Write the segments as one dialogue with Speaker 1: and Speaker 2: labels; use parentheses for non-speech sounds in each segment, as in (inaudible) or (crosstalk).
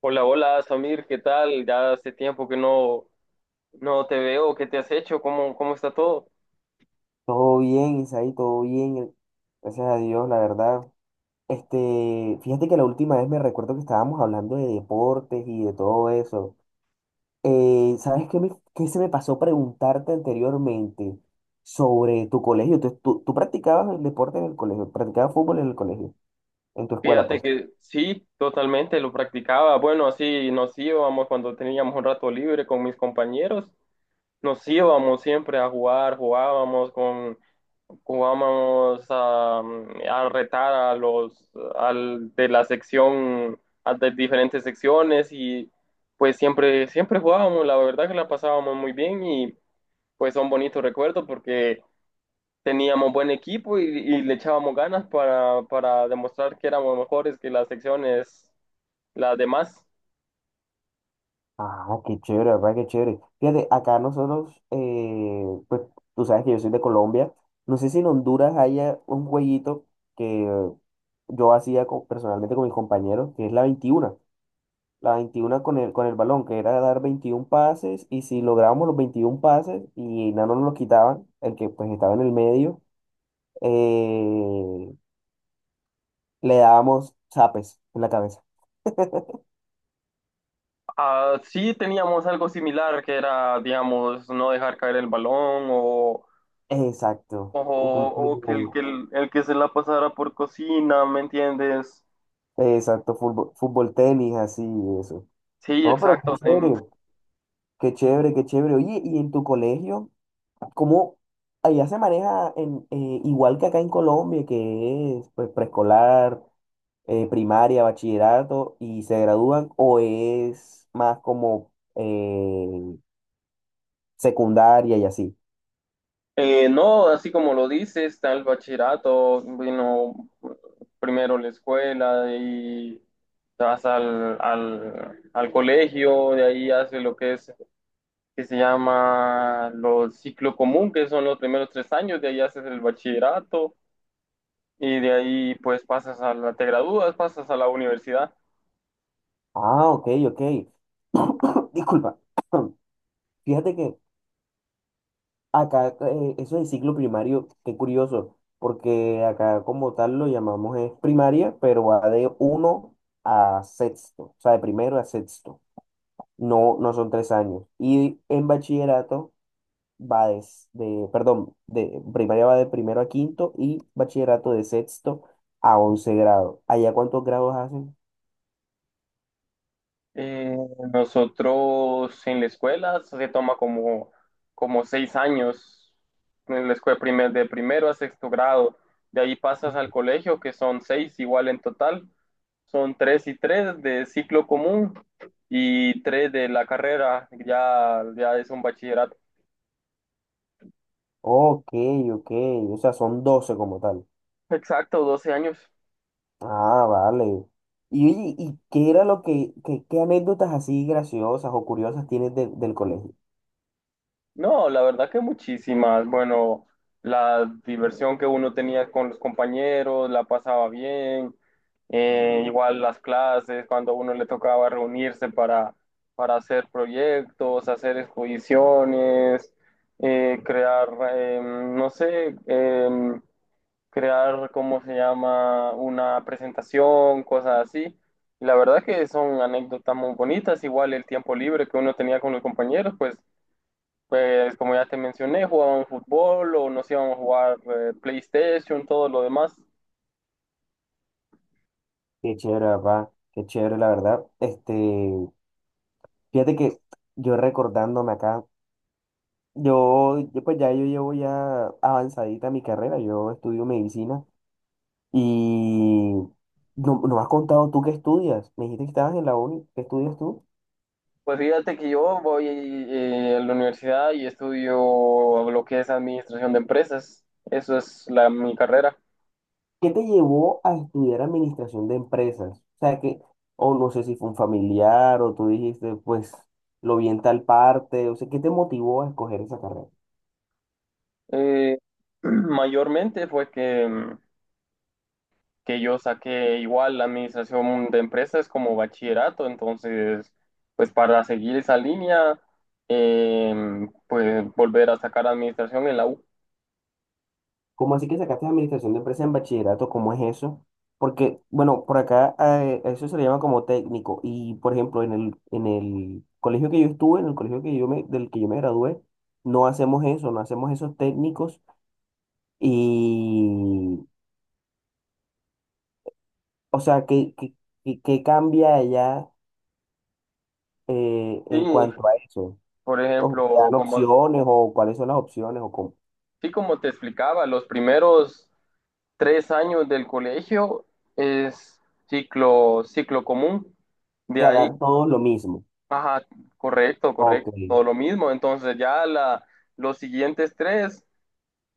Speaker 1: Hola, hola, Samir, ¿qué tal? Ya hace tiempo que no te veo, ¿qué te has hecho? ¿Cómo está todo?
Speaker 2: Todo bien, Isaí, todo bien. Gracias a Dios, la verdad. Fíjate que la última vez me recuerdo que estábamos hablando de deportes y de todo eso. ¿Sabes qué, qué se me pasó preguntarte anteriormente sobre tu colegio? ¿¿Tú practicabas el deporte en el colegio? ¿Practicabas fútbol en el colegio? En tu escuela, pues.
Speaker 1: Fíjate que sí, totalmente, lo practicaba. Bueno, así nos íbamos cuando teníamos un rato libre con mis compañeros, nos íbamos siempre a jugar, jugábamos a retar a de la sección, a de diferentes secciones, y pues siempre, siempre jugábamos, la verdad que la pasábamos muy bien, y pues son bonitos recuerdos porque teníamos buen equipo y le echábamos ganas para demostrar que éramos mejores que las secciones, las demás.
Speaker 2: Ah, qué chévere, papá, qué chévere. Fíjate, acá nosotros, pues tú sabes que yo soy de Colombia. No sé si en Honduras haya un jueguito que yo hacía personalmente con mis compañeros, que es la 21. La 21 con el balón, que era dar 21 pases, y si lográbamos los 21 pases y no nos los quitaban, el que pues estaba en el medio, eh, le dábamos zapes en la cabeza.
Speaker 1: Ah, sí teníamos algo similar que era, digamos, no dejar caer el balón
Speaker 2: Exacto.
Speaker 1: o,
Speaker 2: O como-
Speaker 1: o que
Speaker 2: como-
Speaker 1: el que se la pasara por cocina, ¿me entiendes?
Speaker 2: Exacto, fútbol, fútbol, tenis, así, eso.
Speaker 1: Sí,
Speaker 2: No, pero
Speaker 1: exacto,
Speaker 2: qué
Speaker 1: tenis.
Speaker 2: chévere, qué chévere, qué chévere. Oye, ¿y en tu colegio, cómo allá se maneja en, igual que acá en Colombia, que es pues preescolar, primaria, bachillerato y se gradúan, o es más como secundaria y así?
Speaker 1: No, así como lo dices, está el bachillerato. Vino primero la escuela y te vas al colegio. De ahí haces lo que es, que se llama, los ciclo común, que son los primeros tres años. De ahí haces el bachillerato y de ahí pues pasas a la, te gradúas, pasas a la universidad.
Speaker 2: Ah, ok, ok. (coughs) Disculpa. (coughs) Fíjate que, acá, eso de ciclo primario, qué curioso, porque acá como tal lo llamamos es primaria, pero va de uno a sexto, o sea, de primero a sexto, no, no son tres años. Y en bachillerato va perdón, de primaria va de primero a quinto y bachillerato de sexto a once grado. ¿Allá cuántos grados hacen?
Speaker 1: Eh, Nosotros en la escuela se toma como seis años, en la escuela de primero a sexto grado. De ahí pasas al colegio, que son seis igual en total. Son tres y tres de ciclo común y tres de la carrera. Ya, ya es un bachillerato.
Speaker 2: Ok, ok, o sea, son doce como tal.
Speaker 1: Exacto, 12 años.
Speaker 2: Ah, vale. Y, oye, ¿y qué era lo que, qué anécdotas así graciosas o curiosas tienes del colegio?
Speaker 1: No, la verdad que muchísimas. Bueno, la diversión que uno tenía con los compañeros, la pasaba bien. Igual las clases, cuando a uno le tocaba reunirse para hacer proyectos, hacer exposiciones, crear, no sé, crear, ¿cómo se llama?, una presentación, cosas así. Y la verdad que son anécdotas muy bonitas. Igual el tiempo libre que uno tenía con los compañeros, pues como ya te mencioné, jugaban fútbol o nos íbamos a jugar PlayStation, todo lo demás.
Speaker 2: Qué chévere, papá, qué chévere, la verdad. Fíjate que yo recordándome acá, yo pues ya yo llevo ya avanzadita mi carrera, yo estudio medicina y no, no me has contado tú qué estudias. Me dijiste que estabas en la uni, ¿qué estudias tú?
Speaker 1: Pues fíjate que yo voy a la universidad y estudio lo que es administración de empresas. Eso es la, mi carrera.
Speaker 2: ¿Qué te llevó a estudiar administración de empresas? O sea, que, o no sé si fue un familiar o tú dijiste, pues lo vi en tal parte, o sea, ¿qué te motivó a escoger esa carrera?
Speaker 1: Eh, (clears throat) Mayormente fue que yo saqué igual la administración de empresas como bachillerato. Entonces, pues para seguir esa línea, eh, pues volver a sacar administración en la U.
Speaker 2: ¿Cómo así que sacaste administración de empresas en bachillerato? ¿Cómo es eso? Porque, bueno, por acá eso se le llama como técnico y, por ejemplo, en el colegio que yo estuve, en el colegio que del que yo me gradué, no hacemos eso, no hacemos esos técnicos y, o sea, ¿qué cambia allá?
Speaker 1: Sí,
Speaker 2: En cuanto a eso.
Speaker 1: por
Speaker 2: ¿O te
Speaker 1: ejemplo,
Speaker 2: dan
Speaker 1: como
Speaker 2: opciones o cuáles son las opciones o cómo? O
Speaker 1: sí, como te explicaba, los primeros tres años del colegio es ciclo común. De
Speaker 2: sea,
Speaker 1: ahí,
Speaker 2: dan todo lo mismo.
Speaker 1: ajá, correcto, correcto,
Speaker 2: Ok,
Speaker 1: todo lo mismo. Entonces ya la, los siguientes tres,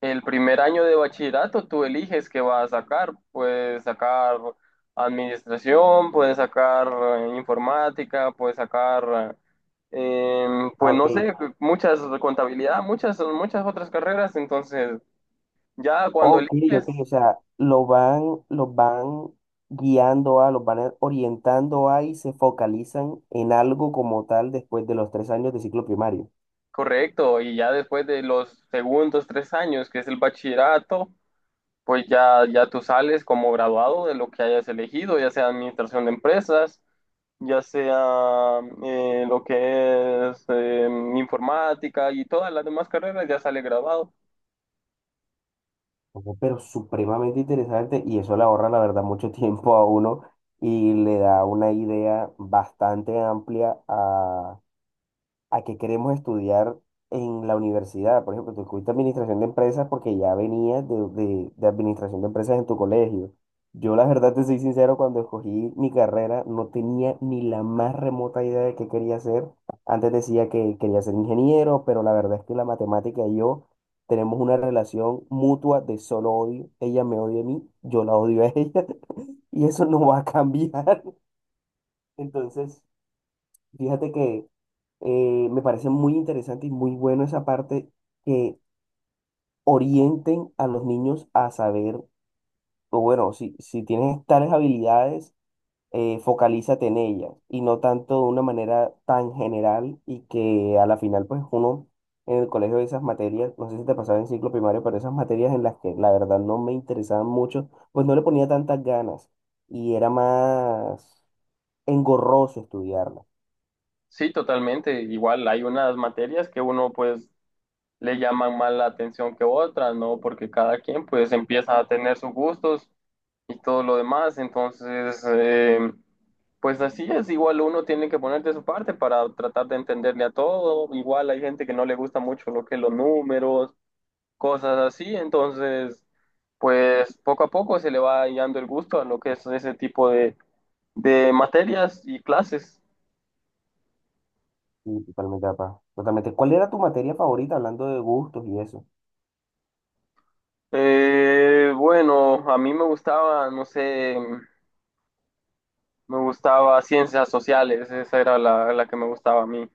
Speaker 1: el primer año de bachillerato, tú eliges qué vas a sacar. Puedes sacar administración, puedes sacar informática, puedes sacar, eh,
Speaker 2: ah,
Speaker 1: pues no
Speaker 2: ok,
Speaker 1: sé, muchas contabilidad, muchas, muchas otras carreras. Entonces... Ya cuando
Speaker 2: ok,
Speaker 1: eliges,
Speaker 2: ok, o sea, lo van, los van guiando a, los van orientando a y se focalizan en algo como tal después de los tres años de ciclo primario.
Speaker 1: correcto, y ya después de los segundos tres años, que es el bachillerato, pues ya, ya tú sales como graduado de lo que hayas elegido, ya sea administración de empresas, ya sea lo que es informática y todas las demás carreras, ya sale graduado.
Speaker 2: Ojo, pero supremamente interesante y eso le ahorra, la verdad, mucho (laughs) tiempo a uno y le da una idea bastante amplia a qué queremos estudiar en la universidad. Por ejemplo, tú escogiste administración de empresas porque ya venías de administración de empresas en tu colegio. Yo la verdad te soy sincero, cuando escogí mi carrera no tenía ni la más remota idea de qué quería hacer. Antes decía que quería ser ingeniero, pero la verdad es que la matemática y yo tenemos una relación mutua de solo odio. Ella me odia a mí, yo la odio a ella (laughs) y eso no va a cambiar. (laughs) Entonces... Fíjate que me parece muy interesante y muy bueno esa parte que orienten a los niños a saber, o bueno, si tienes tales habilidades, focalízate en ellas y no tanto de una manera tan general y que a la final, pues uno en el colegio de esas materias, no sé si te pasaba en ciclo primario, pero esas materias en las que la verdad no me interesaban mucho, pues no le ponía tantas ganas y era más engorroso estudiarlas.
Speaker 1: Sí, totalmente. Igual hay unas materias que uno pues le llaman más la atención que otras, ¿no? Porque cada quien pues empieza a tener sus gustos y todo lo demás, entonces pues así es. Igual uno tiene que poner de su parte para tratar de entenderle a todo. Igual hay gente que no le gusta mucho lo que es los números, cosas así, entonces pues poco a poco se le va hallando el gusto a lo que es ese tipo de materias y clases.
Speaker 2: Sí, totalmente, papá. Totalmente. ¿Cuál era tu materia favorita hablando de gustos y eso?
Speaker 1: Bueno, a mí me gustaba, no sé, me gustaba ciencias sociales. Esa era la, la que me gustaba a mí.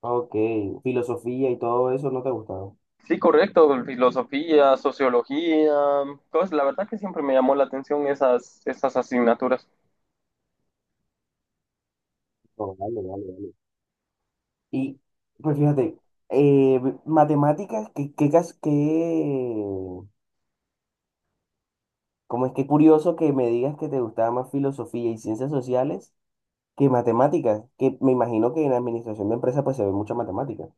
Speaker 2: Ok, filosofía y todo eso no te gustaba.
Speaker 1: Sí, correcto, filosofía, sociología, cosas. La verdad que siempre me llamó la atención esas, esas asignaturas.
Speaker 2: No, vale, vale, vale. Y pues fíjate, eh, matemáticas, cómo es que curioso que me digas que te gustaba más filosofía y ciencias sociales que matemáticas, que me imagino que en administración de empresas pues se ve mucha matemática.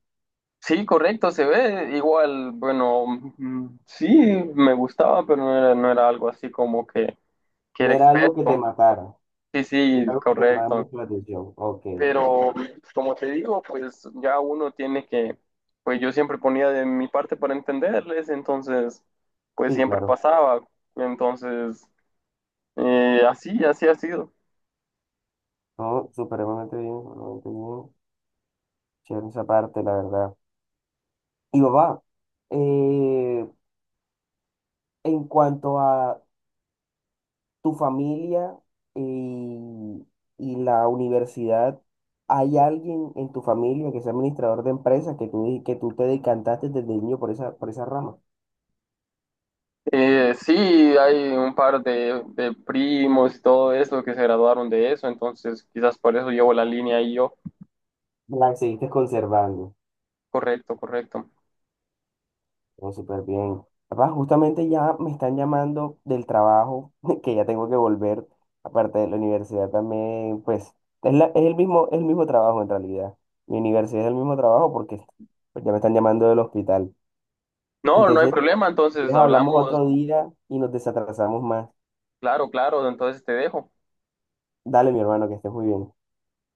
Speaker 1: Sí, correcto, se ve igual, bueno, sí, me gustaba, pero no era, no era algo así como que
Speaker 2: No
Speaker 1: era
Speaker 2: era algo que te
Speaker 1: experto.
Speaker 2: matara,
Speaker 1: Sí,
Speaker 2: era
Speaker 1: sí,
Speaker 2: algo que te llamaba
Speaker 1: correcto.
Speaker 2: mucho la atención. Ok,
Speaker 1: Pero pues, como te digo, pues ya uno tiene que, pues yo siempre ponía de mi parte para entenderles, entonces pues
Speaker 2: sí,
Speaker 1: siempre
Speaker 2: claro.
Speaker 1: pasaba. Entonces, así, así ha sido.
Speaker 2: No, supremamente bien, supremamente bien. Chévere esa parte, la verdad. Y papá, eh, en cuanto a tu familia eh, y, y la universidad, ¿hay alguien en tu familia que sea administrador de empresas que que tú te decantaste desde niño por esa rama?
Speaker 1: Sí, hay un par de primos y todo eso que se graduaron de eso, entonces quizás por eso llevo la línea ahí yo.
Speaker 2: La seguiste conservando.
Speaker 1: Correcto, correcto.
Speaker 2: Todo súper bien. Papá, justamente ya me están llamando del trabajo, (laughs) que ya tengo que volver. Aparte de la universidad también, pues, es el mismo trabajo en realidad. Mi universidad es el mismo trabajo porque pues, ya me están llamando del hospital.
Speaker 1: No, no hay
Speaker 2: Entonces,
Speaker 1: problema,
Speaker 2: si
Speaker 1: entonces
Speaker 2: quieres, hablamos
Speaker 1: hablamos,
Speaker 2: otro día y nos desatrasamos más.
Speaker 1: claro, claro, entonces te dejo.
Speaker 2: Dale, mi hermano, que estés muy bien.